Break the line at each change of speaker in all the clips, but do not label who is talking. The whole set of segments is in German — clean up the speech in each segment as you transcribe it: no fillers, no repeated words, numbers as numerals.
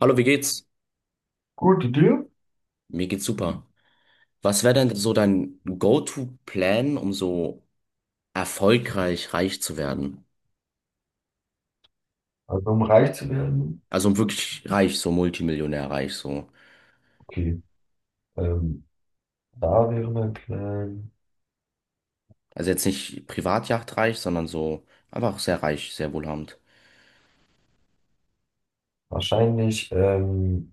Hallo, wie geht's?
Gute Idee.
Mir geht's super. Was wäre denn so dein Go-to-Plan, um so erfolgreich reich zu werden?
Also um reich zu werden,
Also um wirklich reich, so Multimillionär reich, so.
okay. Ähm, Da wäre mein Plan
Also jetzt nicht Privatjacht reich, sondern so einfach sehr reich, sehr wohlhabend.
wahrscheinlich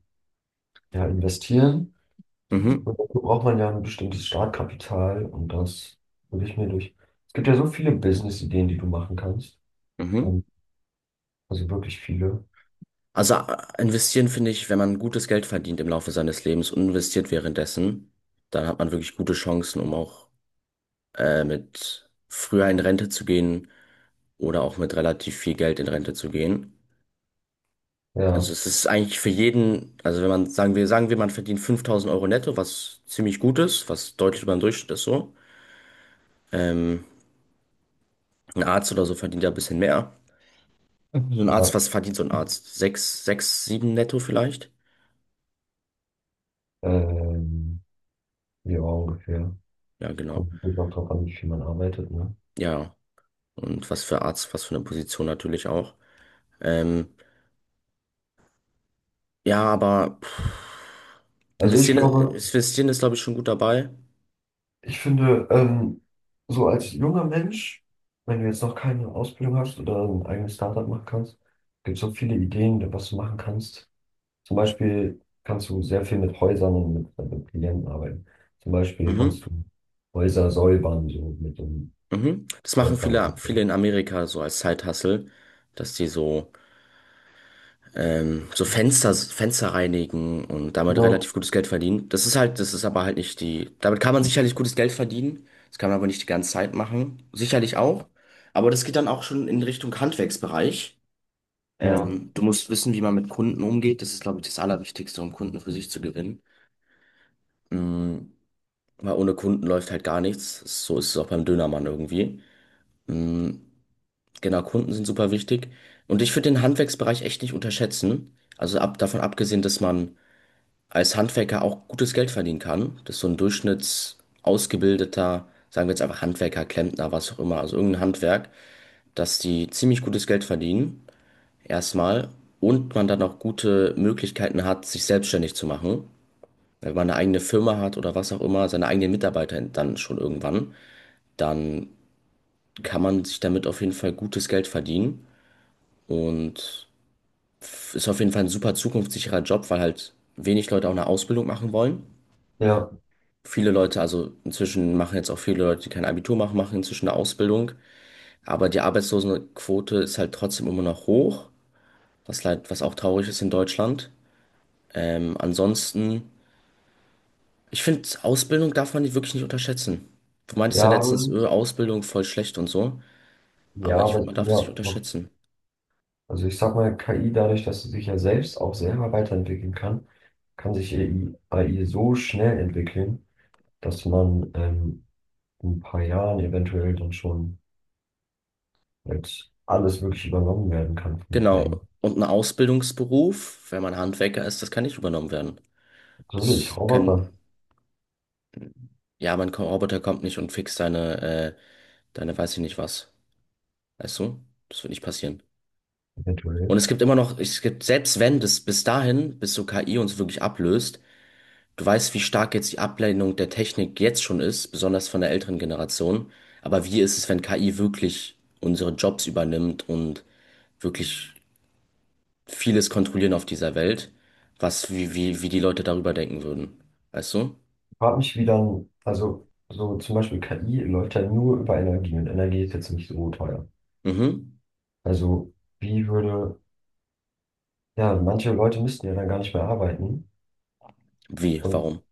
ja, investieren.
Mhm.
Und dafür braucht man ja ein bestimmtes Startkapital und das würde ich mir durch. Es gibt ja so viele Business-Ideen, die du machen kannst.
Mhm.
Ähm, also wirklich viele.
Also investieren finde ich, wenn man gutes Geld verdient im Laufe seines Lebens und investiert währenddessen, dann hat man wirklich gute Chancen, um auch mit früher in Rente zu gehen oder auch mit relativ viel Geld in Rente zu gehen. Also
Ja,
es ist eigentlich für jeden, also wenn man, sagen wir, man verdient 5.000 Euro netto, was ziemlich gut ist, was deutlich über den Durchschnitt ist so. Ähm, ein Arzt oder so verdient ja ein bisschen mehr. So ein Arzt,
ja.
was verdient so ein Arzt? Sechs, sechs, sieben netto vielleicht?
Ähm, ja, ungefähr.
Ja, genau.
Kommt natürlich auch drauf an, wie viel man arbeitet, ne?
Ja, und was für Arzt, was für eine Position natürlich auch. Ähm, ja, aber pff,
Also ich
investieren,
glaube,
ist- investieren ist, glaube ich, schon gut dabei.
ich finde, so als junger Mensch, wenn du jetzt noch keine Ausbildung hast oder ein eigenes Startup machen kannst, gibt es so viele Ideen, was du machen kannst. Zum Beispiel kannst du sehr viel mit Häusern und mit Klienten arbeiten. Zum Beispiel kannst
Mhm,
du Häuser säubern, so mit dem
mhm. Das machen
Förder
viele, viele
so.
in Amerika so als Side-Hustle, dass die so so Fenster reinigen und damit
Genau.
relativ gutes Geld verdienen. Das ist halt, das ist aber halt nicht die, damit kann man sicherlich gutes Geld verdienen. Das kann man aber nicht die ganze Zeit machen. Sicherlich auch. Aber das geht dann auch schon in Richtung Handwerksbereich.
Ja,
Du musst wissen, wie man mit Kunden umgeht. Das ist, glaube ich, das Allerwichtigste, um Kunden für sich zu gewinnen. Mhm. Weil ohne Kunden läuft halt gar nichts. So ist es auch beim Dönermann irgendwie. Mhm. Genau, Kunden sind super wichtig. Und ich würde den Handwerksbereich echt nicht unterschätzen. Also davon abgesehen, dass man als Handwerker auch gutes Geld verdienen kann. Das ist so ein durchschnittsausgebildeter, sagen wir jetzt einfach Handwerker, Klempner, was auch immer, also irgendein Handwerk, dass die ziemlich gutes Geld verdienen, erstmal, und man dann auch gute Möglichkeiten hat, sich selbstständig zu machen. Wenn man eine eigene Firma hat oder was auch immer, seine eigenen Mitarbeiter dann schon irgendwann, dann kann man sich damit auf jeden Fall gutes Geld verdienen und ist auf jeden Fall ein super zukunftssicherer Job, weil halt wenig Leute auch eine Ausbildung machen wollen.
ja,
Viele Leute, also inzwischen machen jetzt auch viele Leute, die kein Abitur machen, machen inzwischen eine Ausbildung. Aber die Arbeitslosenquote ist halt trotzdem immer noch hoch, was leid, was auch traurig ist in Deutschland. Ansonsten, ich finde, Ausbildung darf man nicht, wirklich nicht unterschätzen. Du meintest
ja,
ja letztens,
aber-
Ausbildung voll schlecht und so.
ja,
Aber ich
aber
finde,
es
man
kann
darf
ja,
das nicht
auch- machen.
unterschätzen.
Also ich sag mal, KI, dadurch, dass sie sich ja selbst auch selber weiterentwickeln kann, kann sich AI so schnell entwickeln, dass man in ein paar Jahren eventuell dann schon als alles wirklich übernommen werden kann von KI.
Genau. Und ein Ausbildungsberuf, wenn man Handwerker ist, das kann nicht übernommen werden.
So durch
Das
Roboter
kann, ja, mein Roboter kommt nicht und fixt deine, deine, weiß ich nicht was. Weißt du? Das wird nicht passieren. Und
eventuell.
es gibt immer noch, es gibt, selbst wenn das bis dahin, bis so KI uns wirklich ablöst, du weißt, wie stark jetzt die Ablehnung der Technik jetzt schon ist, besonders von der älteren Generation. Aber wie ist es, wenn KI wirklich unsere Jobs übernimmt und wirklich vieles kontrollieren auf dieser Welt, wie die Leute darüber denken würden? Weißt du?
Ich frage mich, wie dann, also so zum Beispiel KI läuft ja nur über Energie und Energie ist jetzt nicht so teuer.
Mhm.
Also wie würde, ja, manche Leute müssten ja dann gar nicht mehr arbeiten
Wie?
und
Warum?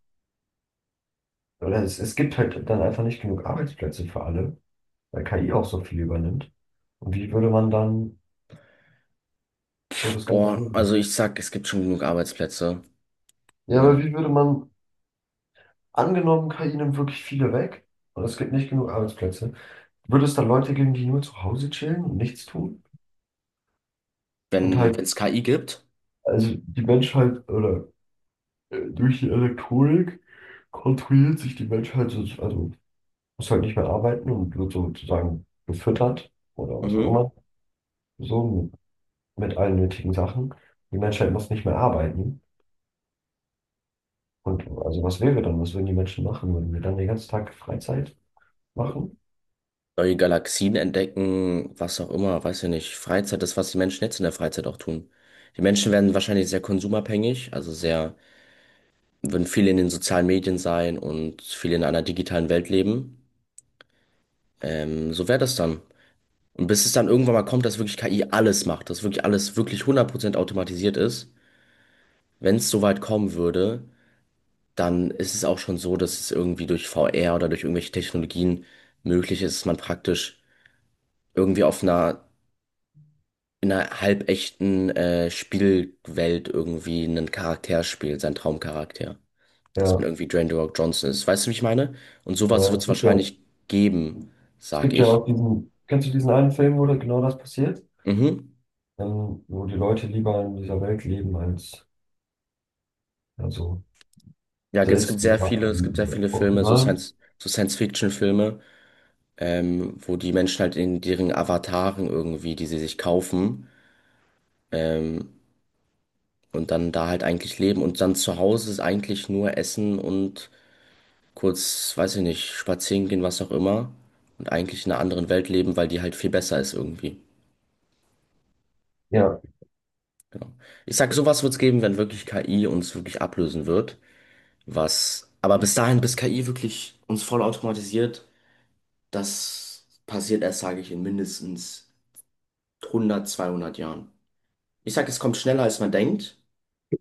oder es gibt halt dann einfach nicht genug Arbeitsplätze für alle, weil KI auch so viel übernimmt. Und wie würde man dann so das Ganze
Boah,
regeln?
also ich sag, es gibt schon genug Arbeitsplätze.
Ja, aber
Und
wie würde man angenommen, KI nimmt wirklich viele weg und es gibt nicht genug Arbeitsplätze. Würde es dann Leute geben, die nur zu Hause chillen und nichts tun? Und
wenn,
halt,
wenn es KI gibt,
also die Menschheit oder durch die Elektronik kontrolliert sich die Menschheit, so- also muss halt nicht mehr arbeiten und wird sozusagen gefüttert oder was auch
mhm.
immer, so mit allen nötigen Sachen. Die Menschheit muss nicht mehr arbeiten. Und also was wäre dann? Was würden die Menschen machen? Würden wir dann den ganzen Tag Freizeit machen?
Neue Galaxien entdecken, was auch immer, weiß ja nicht. Freizeit, das, was die Menschen jetzt in der Freizeit auch tun. Die Menschen werden wahrscheinlich sehr konsumabhängig, also sehr, würden viel in den sozialen Medien sein und viel in einer digitalen Welt leben. So wäre das dann. Und bis es dann irgendwann mal kommt, dass wirklich KI alles macht, dass wirklich alles wirklich 100% automatisiert ist, wenn es so weit kommen würde, dann ist es auch schon so, dass es irgendwie durch VR oder durch irgendwelche Technologien möglich ist, dass man praktisch irgendwie auf einer in einer halbechten Spielwelt irgendwie einen Charakter spielt, seinen Traumcharakter. Dass man
Ja,
irgendwie Dwayne The Rock Johnson ist. Weißt du, wie ich meine? Und sowas
ja,
wird
es
es
gibt ja,
wahrscheinlich geben,
es
sag
gibt ja
ich.
auch diesen, kennst du diesen einen Film, wo da genau das passiert?
Mhm.
Wo die Leute lieber in dieser Welt leben als also
Ja, es gibt
selbst
sehr
lieber
viele, es gibt sehr viele Filme,
Original.
So Science-Fiction-Filme, wo die Menschen halt in deren Avataren irgendwie, die sie sich kaufen, ähm, und dann da halt eigentlich leben. Und dann zu Hause ist eigentlich nur Essen und kurz, weiß ich nicht, spazieren gehen, was auch immer. Und eigentlich in einer anderen Welt leben, weil die halt viel besser ist irgendwie.
Ja.
Genau. Ich sag, sowas wird's geben, wenn wirklich KI uns wirklich ablösen wird. Was, aber bis dahin, bis KI wirklich uns voll automatisiert, das passiert erst, sage ich, in mindestens 100, 200 Jahren. Ich sag, es kommt schneller, als man denkt.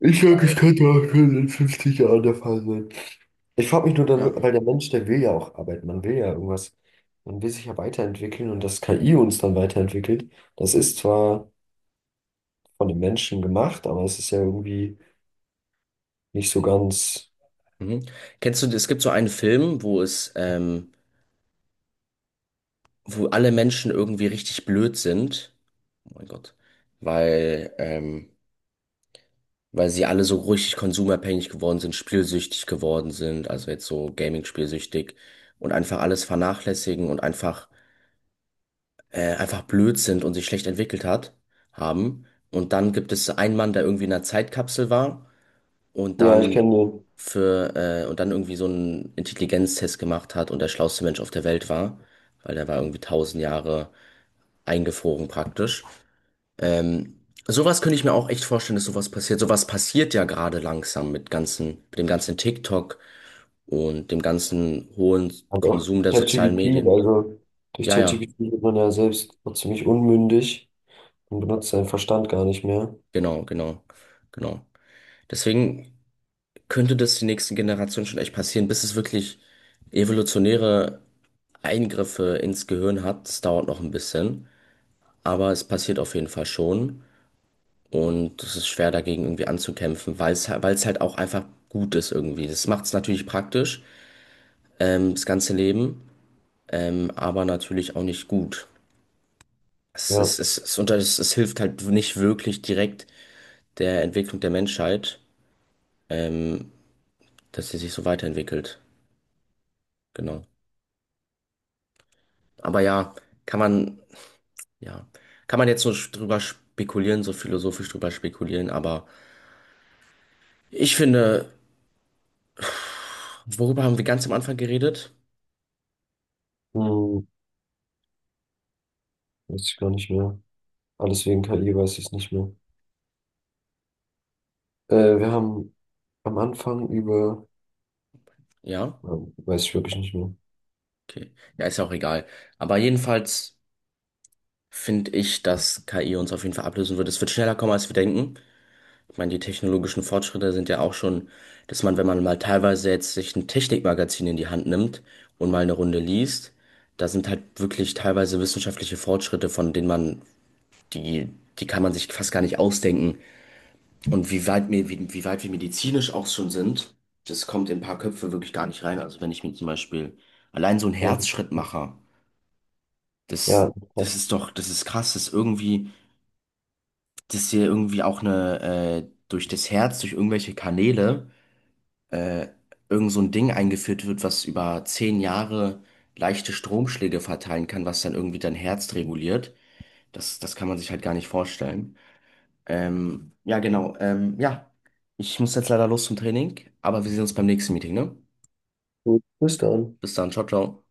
Ich sag, es könnte auch schon in 50 Jahren der Fall sein. Ich frage mich nur dann,
Ja.
weil der Mensch, der will ja auch arbeiten, man will ja irgendwas, man will sich ja weiterentwickeln und dass KI uns dann weiterentwickelt, das ist zwar von den Menschen gemacht, aber es ist ja irgendwie nicht so ganz.
Mhm. Kennst du, es gibt so einen Film, wo alle Menschen irgendwie richtig blöd sind. Oh mein Gott. Weil, ähm, weil sie alle so richtig konsumabhängig geworden sind, spielsüchtig geworden sind, also jetzt so Gaming-spielsüchtig und einfach alles vernachlässigen und einfach blöd sind und sich schlecht entwickelt hat, haben. Und dann gibt es einen Mann, der irgendwie in einer Zeitkapsel war und
Ja, ich
dann
kenne
und dann irgendwie so einen Intelligenztest gemacht hat und der schlauste Mensch auf der Welt war, weil der war irgendwie 1.000 Jahre eingefroren praktisch. Ähm, Sowas könnte ich mir auch echt vorstellen, dass sowas passiert. Sowas passiert ja gerade langsam mit ganzen, mit dem ganzen TikTok und dem ganzen hohen
und auch
Konsum der sozialen
ChatGPT,
Medien.
also durch
Ja, ja,
ChatGPT wird man ja selbst noch ziemlich unmündig und benutzt seinen Verstand gar nicht mehr.
genau, genau, genau. Deswegen könnte das die nächsten Generationen schon echt passieren, bis es wirklich evolutionäre Eingriffe ins Gehirn hat. Das dauert noch ein bisschen, aber es passiert auf jeden Fall schon. Und es ist schwer dagegen irgendwie anzukämpfen, weil es halt auch einfach gut ist irgendwie. Das macht es natürlich praktisch, das ganze Leben, aber natürlich auch nicht gut. Es, es,
Ja,
es, es, unter, es, es hilft halt nicht wirklich direkt der Entwicklung der Menschheit, ähm, dass sie sich so weiterentwickelt. Genau. Aber kann man, ja, kann man jetzt so drüber spekulieren, so philosophisch drüber spekulieren, aber ich finde, worüber haben wir ganz am Anfang geredet?
hm, weiß ich gar nicht mehr. Alles wegen KI weiß ich es nicht mehr. Wir haben am Anfang über,
Ja,
weiß ich wirklich nicht mehr.
okay. Ja, ist ja auch egal. Aber jedenfalls finde ich, dass KI uns auf jeden Fall ablösen wird. Es wird schneller kommen, als wir denken. Ich meine, die technologischen Fortschritte sind ja auch schon, dass man, wenn man mal teilweise jetzt sich ein Technikmagazin in die Hand nimmt und mal eine Runde liest, da sind halt wirklich teilweise wissenschaftliche Fortschritte, von denen man, die, die kann man sich fast gar nicht ausdenken. Und wie weit wir medizinisch auch schon sind, das kommt in ein paar Köpfe wirklich gar nicht rein. Also wenn ich mir zum Beispiel allein so einen
Aber-
Herzschrittmacher, das,
ja,
das
passt.
ist doch, das ist krass, dass irgendwie, dass hier irgendwie auch durch das Herz, durch irgendwelche Kanäle, äh, irgend so ein Ding eingeführt wird, was über 10 Jahre leichte Stromschläge verteilen kann, was dann irgendwie dein Herz reguliert. Das, das kann man sich halt gar nicht vorstellen. Ja, genau. Ja, ich muss jetzt leider los zum Training, aber wir sehen uns beim nächsten Meeting, ne?
Gut, bis dann.
Bis dann, ciao, ciao.